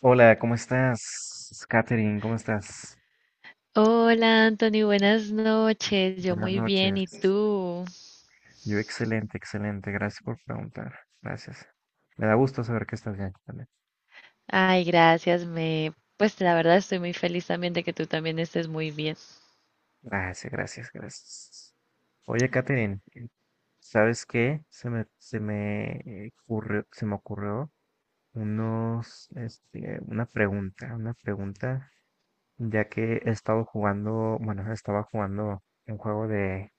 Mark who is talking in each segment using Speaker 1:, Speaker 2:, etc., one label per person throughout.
Speaker 1: Hola, ¿cómo estás? Katherine, ¿cómo estás?
Speaker 2: Hola Anthony, buenas noches. Yo
Speaker 1: Buenas
Speaker 2: muy bien, ¿y
Speaker 1: noches.
Speaker 2: tú?
Speaker 1: Yo excelente, excelente. Gracias por preguntar. Gracias. Me da gusto saber que estás bien también.
Speaker 2: Ay, gracias, me pues la verdad estoy muy feliz también de que tú también estés muy bien.
Speaker 1: Gracias, gracias, gracias. Oye, Katherine, ¿sabes qué? Se me ocurrió, se me ocurrió una pregunta, ya que he estado jugando, bueno, estaba jugando un juego de,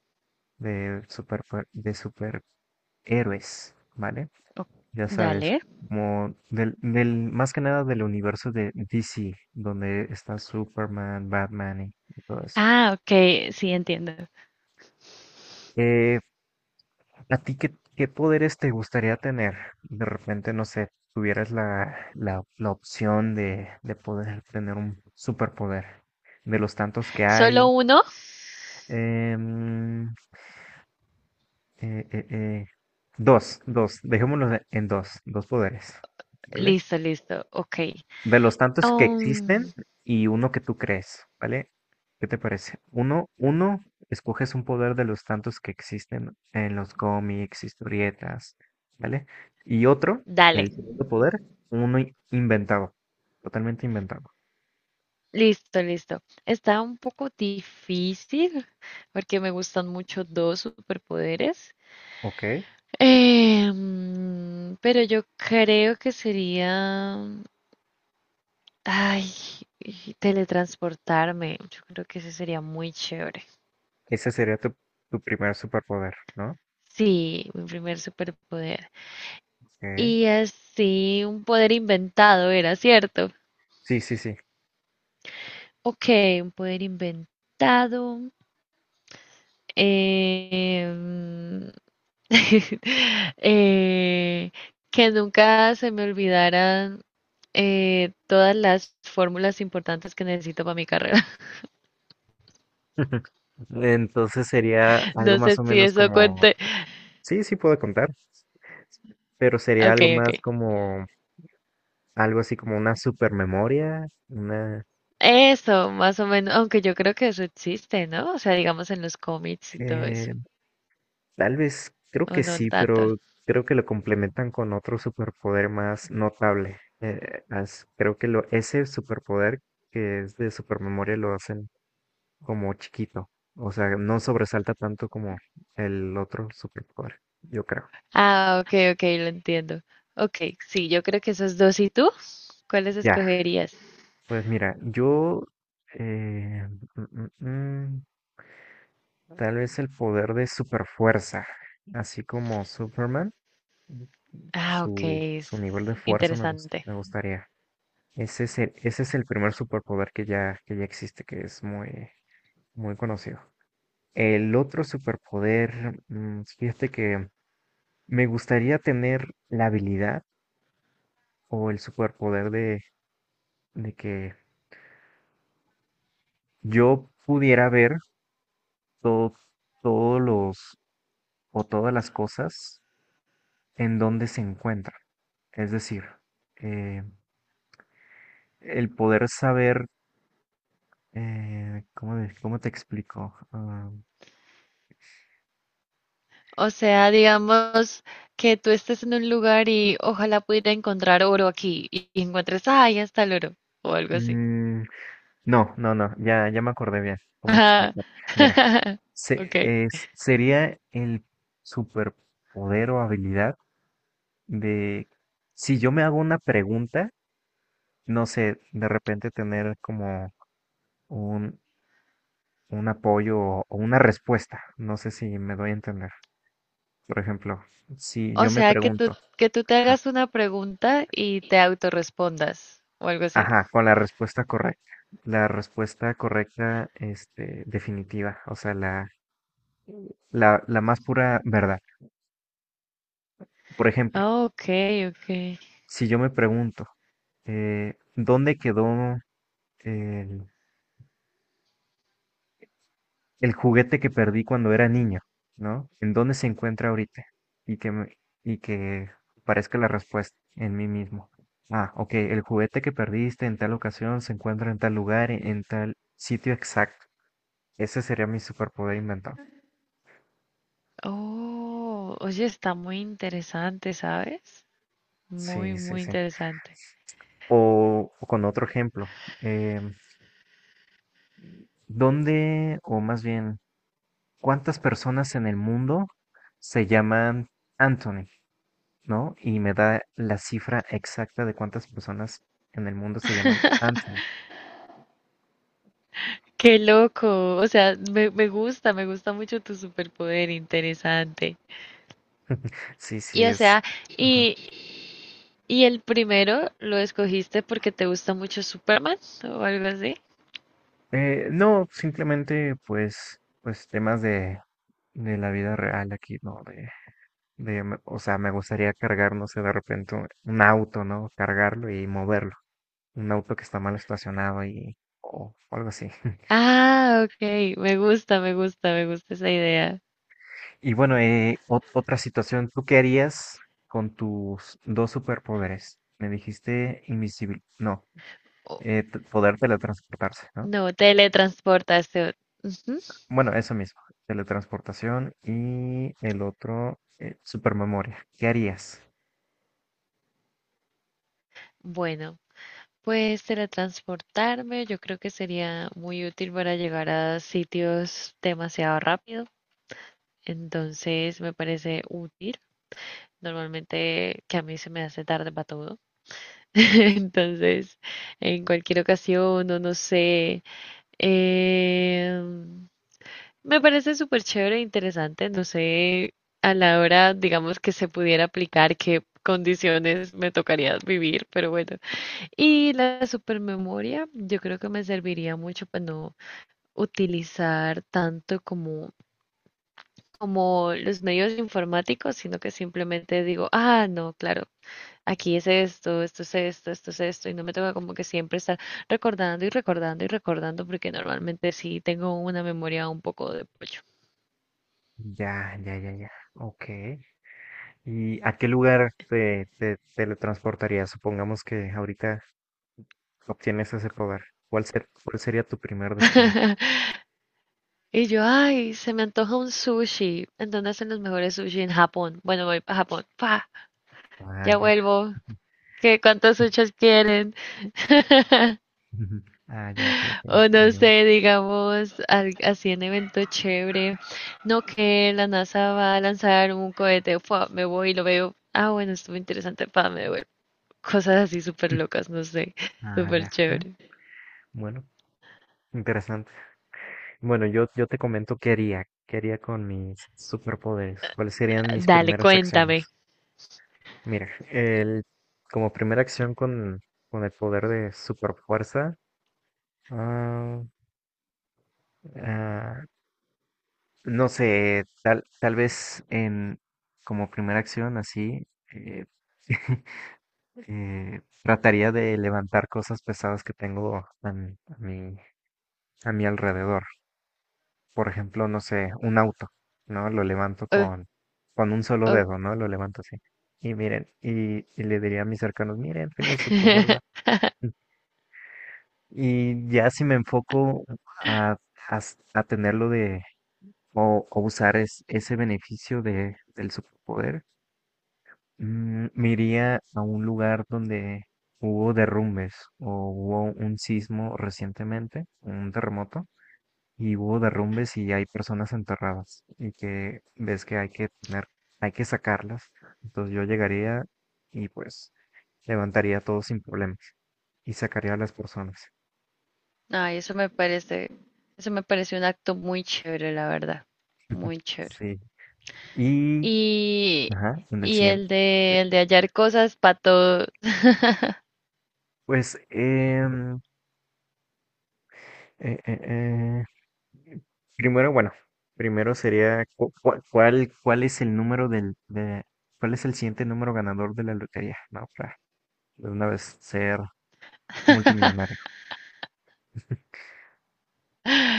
Speaker 1: de super, de superhéroes, ¿vale?
Speaker 2: Oh,
Speaker 1: Ya
Speaker 2: dale.
Speaker 1: sabes, como más que nada del universo de DC, donde está Superman, Batman y todo eso.
Speaker 2: Ah, ok, sí entiendo.
Speaker 1: Eh, ¿A ti qué poderes te gustaría tener? De repente, no sé, tuvieras la opción de poder tener un superpoder de los tantos que
Speaker 2: ¿Solo
Speaker 1: hay.
Speaker 2: uno?
Speaker 1: em, eh, eh, eh, dejémoslo en dos, dos poderes, ¿vale?
Speaker 2: Listo, listo. Ok.
Speaker 1: De los tantos que existen
Speaker 2: Um,
Speaker 1: y uno que tú crees, ¿vale? ¿Qué te parece? Uno, escoges un poder de los tantos que existen en los cómics, historietas, ¿vale? Y otro,
Speaker 2: Dale.
Speaker 1: el segundo poder, uno inventado, totalmente inventado,
Speaker 2: Listo, listo. Está un poco difícil porque me gustan mucho dos superpoderes.
Speaker 1: ¿ok?
Speaker 2: Pero yo creo que sería ay, y teletransportarme. Yo creo que ese sería muy chévere.
Speaker 1: Ese sería tu primer superpoder, ¿no?
Speaker 2: Sí, mi primer superpoder.
Speaker 1: Ok.
Speaker 2: Y así, un poder inventado era, ¿cierto?
Speaker 1: Sí, sí, sí.
Speaker 2: Ok, un poder inventado. em, eh, que nunca se me olvidaran todas las fórmulas importantes que necesito para mi carrera.
Speaker 1: Entonces sería algo
Speaker 2: No
Speaker 1: más
Speaker 2: sé
Speaker 1: o
Speaker 2: si
Speaker 1: menos
Speaker 2: eso
Speaker 1: como,
Speaker 2: cuente.
Speaker 1: sí, sí puedo contar, pero sería
Speaker 2: Ok,
Speaker 1: algo más
Speaker 2: ok.
Speaker 1: como algo así como una supermemoria, una...
Speaker 2: Eso, más o menos, aunque yo creo que eso existe, ¿no? O sea, digamos en los cómics y todo
Speaker 1: eh,
Speaker 2: eso,
Speaker 1: tal vez, creo
Speaker 2: o
Speaker 1: que
Speaker 2: no
Speaker 1: sí,
Speaker 2: tanto.
Speaker 1: pero creo que lo complementan con otro superpoder más notable. Creo que lo, ese superpoder que es de supermemoria lo hacen como chiquito. O sea, no sobresalta tanto como el otro superpoder, yo creo.
Speaker 2: Ah, ok, ok, lo entiendo. Ok, sí, yo creo que esos dos. ¿Y tú? ¿Cuáles
Speaker 1: Ya,
Speaker 2: escogerías?
Speaker 1: pues mira, yo... eh, mm, mm, mm, tal vez el poder de superfuerza, así como Superman.
Speaker 2: Ah, ok,
Speaker 1: Su
Speaker 2: es
Speaker 1: nivel de fuerza me,
Speaker 2: interesante.
Speaker 1: me gustaría. Ese es ese es el primer superpoder que ya existe, que es muy, muy conocido. El otro superpoder, fíjate que me gustaría tener la habilidad o el superpoder de que yo pudiera ver todo, todos los o todas las cosas en donde se encuentran. Es decir, eh, el poder saber, ¿cómo, cómo te explico? Ah,
Speaker 2: O sea, digamos que tú estés en un lugar y ojalá pudiera encontrar oro aquí y encuentres, ah, ahí está el oro, o algo así.
Speaker 1: Mm, no, no, no, ya, ya me acordé bien cómo
Speaker 2: Ajá.
Speaker 1: explicar. Mira,
Speaker 2: Ok.
Speaker 1: sería el superpoder o habilidad de, si yo me hago una pregunta, no sé, de repente tener como un, un apoyo o una respuesta, no sé si me doy a entender. Por ejemplo, si
Speaker 2: O
Speaker 1: yo me
Speaker 2: sea,
Speaker 1: pregunto,
Speaker 2: que tú te
Speaker 1: ajá,
Speaker 2: hagas una pregunta y te autorrespondas o algo así.
Speaker 1: ajá, con la respuesta correcta, este, definitiva, o sea, la más pura verdad. Por ejemplo,
Speaker 2: Ah, ok, ok.
Speaker 1: si yo me pregunto, ¿dónde quedó el, el juguete que perdí cuando era niño? ¿No? ¿En dónde se encuentra ahorita? Y que, me- y que parezca la respuesta en mí mismo. Ah, ok, el juguete que perdiste en tal ocasión se encuentra en tal lugar, en tal sitio exacto. Ese sería mi superpoder inventado.
Speaker 2: Oh, oye, está muy interesante, ¿sabes? Muy,
Speaker 1: Sí, sí,
Speaker 2: muy
Speaker 1: sí.
Speaker 2: interesante.
Speaker 1: O con otro ejemplo, em, ¿dónde, o más bien, cuántas personas en el mundo se llaman Anthony, ¿no? Y me da la cifra exacta de cuántas personas en el mundo se llaman Anthony.
Speaker 2: Qué loco. O sea, me gusta mucho tu superpoder, interesante.
Speaker 1: Sí, sí,
Speaker 2: Y o
Speaker 1: es.
Speaker 2: sea,
Speaker 1: Ajá.
Speaker 2: y, y el primero lo escogiste porque te gusta mucho Superman o algo así.
Speaker 1: No, simplemente pues, pues temas de la vida real aquí, ¿no? O sea, me gustaría cargar, no sé, de repente un auto, ¿no? Cargarlo y moverlo. Un auto que está mal estacionado y, o algo así.
Speaker 2: Ah, ok, me gusta, me gusta, me gusta esa idea.
Speaker 1: Y bueno, otra situación, ¿tú qué harías con tus dos superpoderes? Me dijiste invisible, no, poder teletransportarse, ¿no?
Speaker 2: No, teletransportación. Ujú.
Speaker 1: Bueno, eso mismo, teletransportación y el otro, supermemoria. ¿Qué harías?
Speaker 2: Bueno, pues teletransportarme yo creo que sería muy útil para llegar a sitios demasiado rápido. Entonces me parece útil. Normalmente que a mí se me hace tarde para todo. Entonces, en cualquier ocasión, o no sé. em, Me parece súper chévere e interesante. No sé a la hora, digamos, que se pudiera aplicar qué condiciones me tocaría vivir, pero bueno. Y la supermemoria, yo creo que me serviría mucho para no utilizar tanto como los medios informáticos, sino que simplemente digo, ah, no, claro, aquí es esto, esto es esto, esto es esto, y no me toca como que siempre estar recordando y recordando y recordando, porque normalmente sí tengo una memoria un poco de pollo.
Speaker 1: Ya, ya, ya, ya. Ok. ¿Y a qué lugar te teletransportarías? Supongamos que ahorita obtienes ese poder. ¿Cuál sería tu primer destino?
Speaker 2: Y yo, ay, se me antoja un sushi. ¿En dónde hacen los mejores sushi? En Japón. Bueno, voy para Japón. Pa
Speaker 1: Ah,
Speaker 2: Ya
Speaker 1: ya.
Speaker 2: vuelvo. Que cuántas huchas quieren.
Speaker 1: Ah, ya, ok, ok.
Speaker 2: O no
Speaker 1: Muy bien.
Speaker 2: sé, digamos, así en evento chévere. No que la NASA va a lanzar un cohete, ¡fua! Me voy y lo veo. Ah, bueno, estuvo interesante, pa, me devuelvo. Cosas así súper locas, no sé.
Speaker 1: Ah,
Speaker 2: Súper
Speaker 1: ya.
Speaker 2: chévere.
Speaker 1: Bueno, interesante. Bueno, yo te comento qué haría con mis superpoderes, cuáles serían mis
Speaker 2: Dale,
Speaker 1: primeras acciones.
Speaker 2: cuéntame.
Speaker 1: Mira, el, como primera acción con el poder de superfuerza, ah, ah, no sé, tal vez en, como primera acción así, eh, trataría de levantar cosas pesadas que tengo a mi, a mi a mi alrededor. Por ejemplo, no sé, un auto, ¿no? Lo levanto
Speaker 2: O-
Speaker 1: con un solo
Speaker 2: o-
Speaker 1: dedo, ¿no? Lo levanto así. Y miren, y le diría a mis cercanos, miren, tengo superfuerza. Y ya si me enfoco a, a tenerlo de, o usar ese beneficio de, del superpoder, me iría a un lugar donde hubo derrumbes o hubo un sismo recientemente, un terremoto y hubo derrumbes y hay personas enterradas y que ves que hay que tener, hay que sacarlas. Entonces yo llegaría y pues levantaría todo sin problemas y sacaría a las personas.
Speaker 2: Ay, eso me parece un acto muy chévere, la verdad. Muy chévere.
Speaker 1: Sí. Y,
Speaker 2: Y,
Speaker 1: ajá, en el siguiente.
Speaker 2: el de hallar cosas para todo.
Speaker 1: Pues, eh, eh, eh, primero, bueno, primero sería, ¿cuál, cuál, es el número del, de, cuál es el siguiente número ganador de la lotería? No, para de una vez ser multimillonario.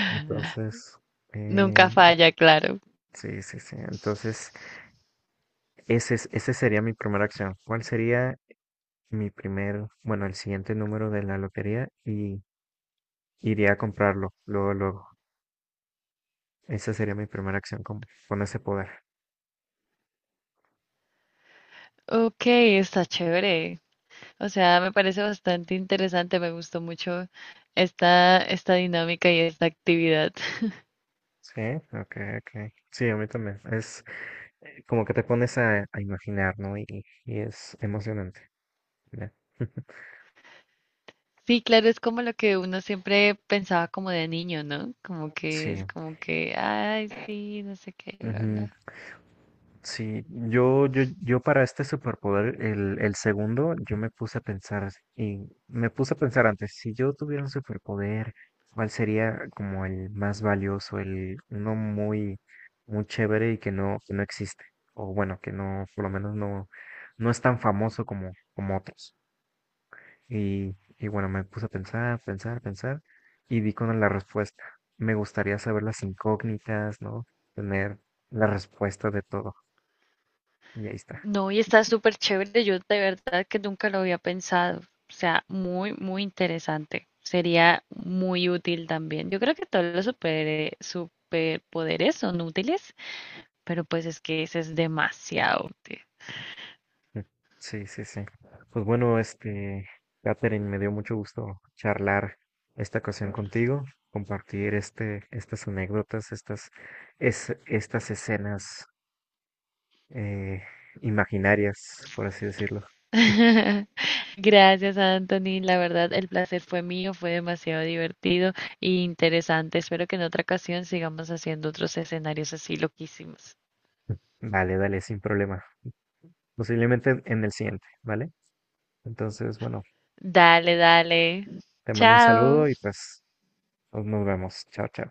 Speaker 1: Entonces, eh,
Speaker 2: Nunca falla, claro.
Speaker 1: sí, sí, sí. Entonces, ese sería mi primera acción. ¿Cuál sería mi primer, bueno, el siguiente número de la lotería? Y iría a comprarlo luego, luego. Esa sería mi primera acción con ese poder.
Speaker 2: Ok, está chévere. O sea, me parece bastante interesante. Me gustó mucho esta dinámica y esta actividad.
Speaker 1: Sí, ok, ok. Sí, a mí también. Es como que te pones a imaginar, ¿no? Y es emocionante. Ya.
Speaker 2: Sí, claro, es como lo que uno siempre pensaba como de niño, ¿no? Como que
Speaker 1: Sí.
Speaker 2: es como que, ay, sí, no sé qué, bla,
Speaker 1: Ujú.
Speaker 2: bla.
Speaker 1: Sí, yo para este superpoder, el segundo, yo me puse a pensar y me puse a pensar antes, si yo tuviera un superpoder, ¿cuál sería como el más valioso, el uno muy, muy chévere y que no existe? O bueno, que no, por lo menos no, no es tan famoso como, como otros. Y bueno, me puse a pensar, pensar, pensar y di con la respuesta. Me gustaría saber las incógnitas, ¿no? Tener la respuesta de todo. Y ahí está.
Speaker 2: No, y está súper chévere. Yo de verdad que nunca lo había pensado. O sea, muy, muy interesante. Sería muy útil también. Yo creo que todos los superpoderes son útiles, pero pues es que ese es demasiado útil.
Speaker 1: Mm, Sí, sí, sí. Pues bueno, este, Catherine, me dio mucho gusto charlar esta ocasión contigo, compartir este, estas anécdotas, estas escenas eh, imaginarias, por así decirlo.
Speaker 2: Gracias, Anthony. La verdad, el placer fue mío, fue demasiado divertido e interesante. Espero que en otra ocasión sigamos haciendo otros escenarios así loquísimos.
Speaker 1: Vale, dale, sin problema. Posiblemente en el siguiente, ¿vale? Entonces, bueno,
Speaker 2: Dale, dale.
Speaker 1: te mando un
Speaker 2: Chao.
Speaker 1: saludo y pues nos vemos. Chao, chao.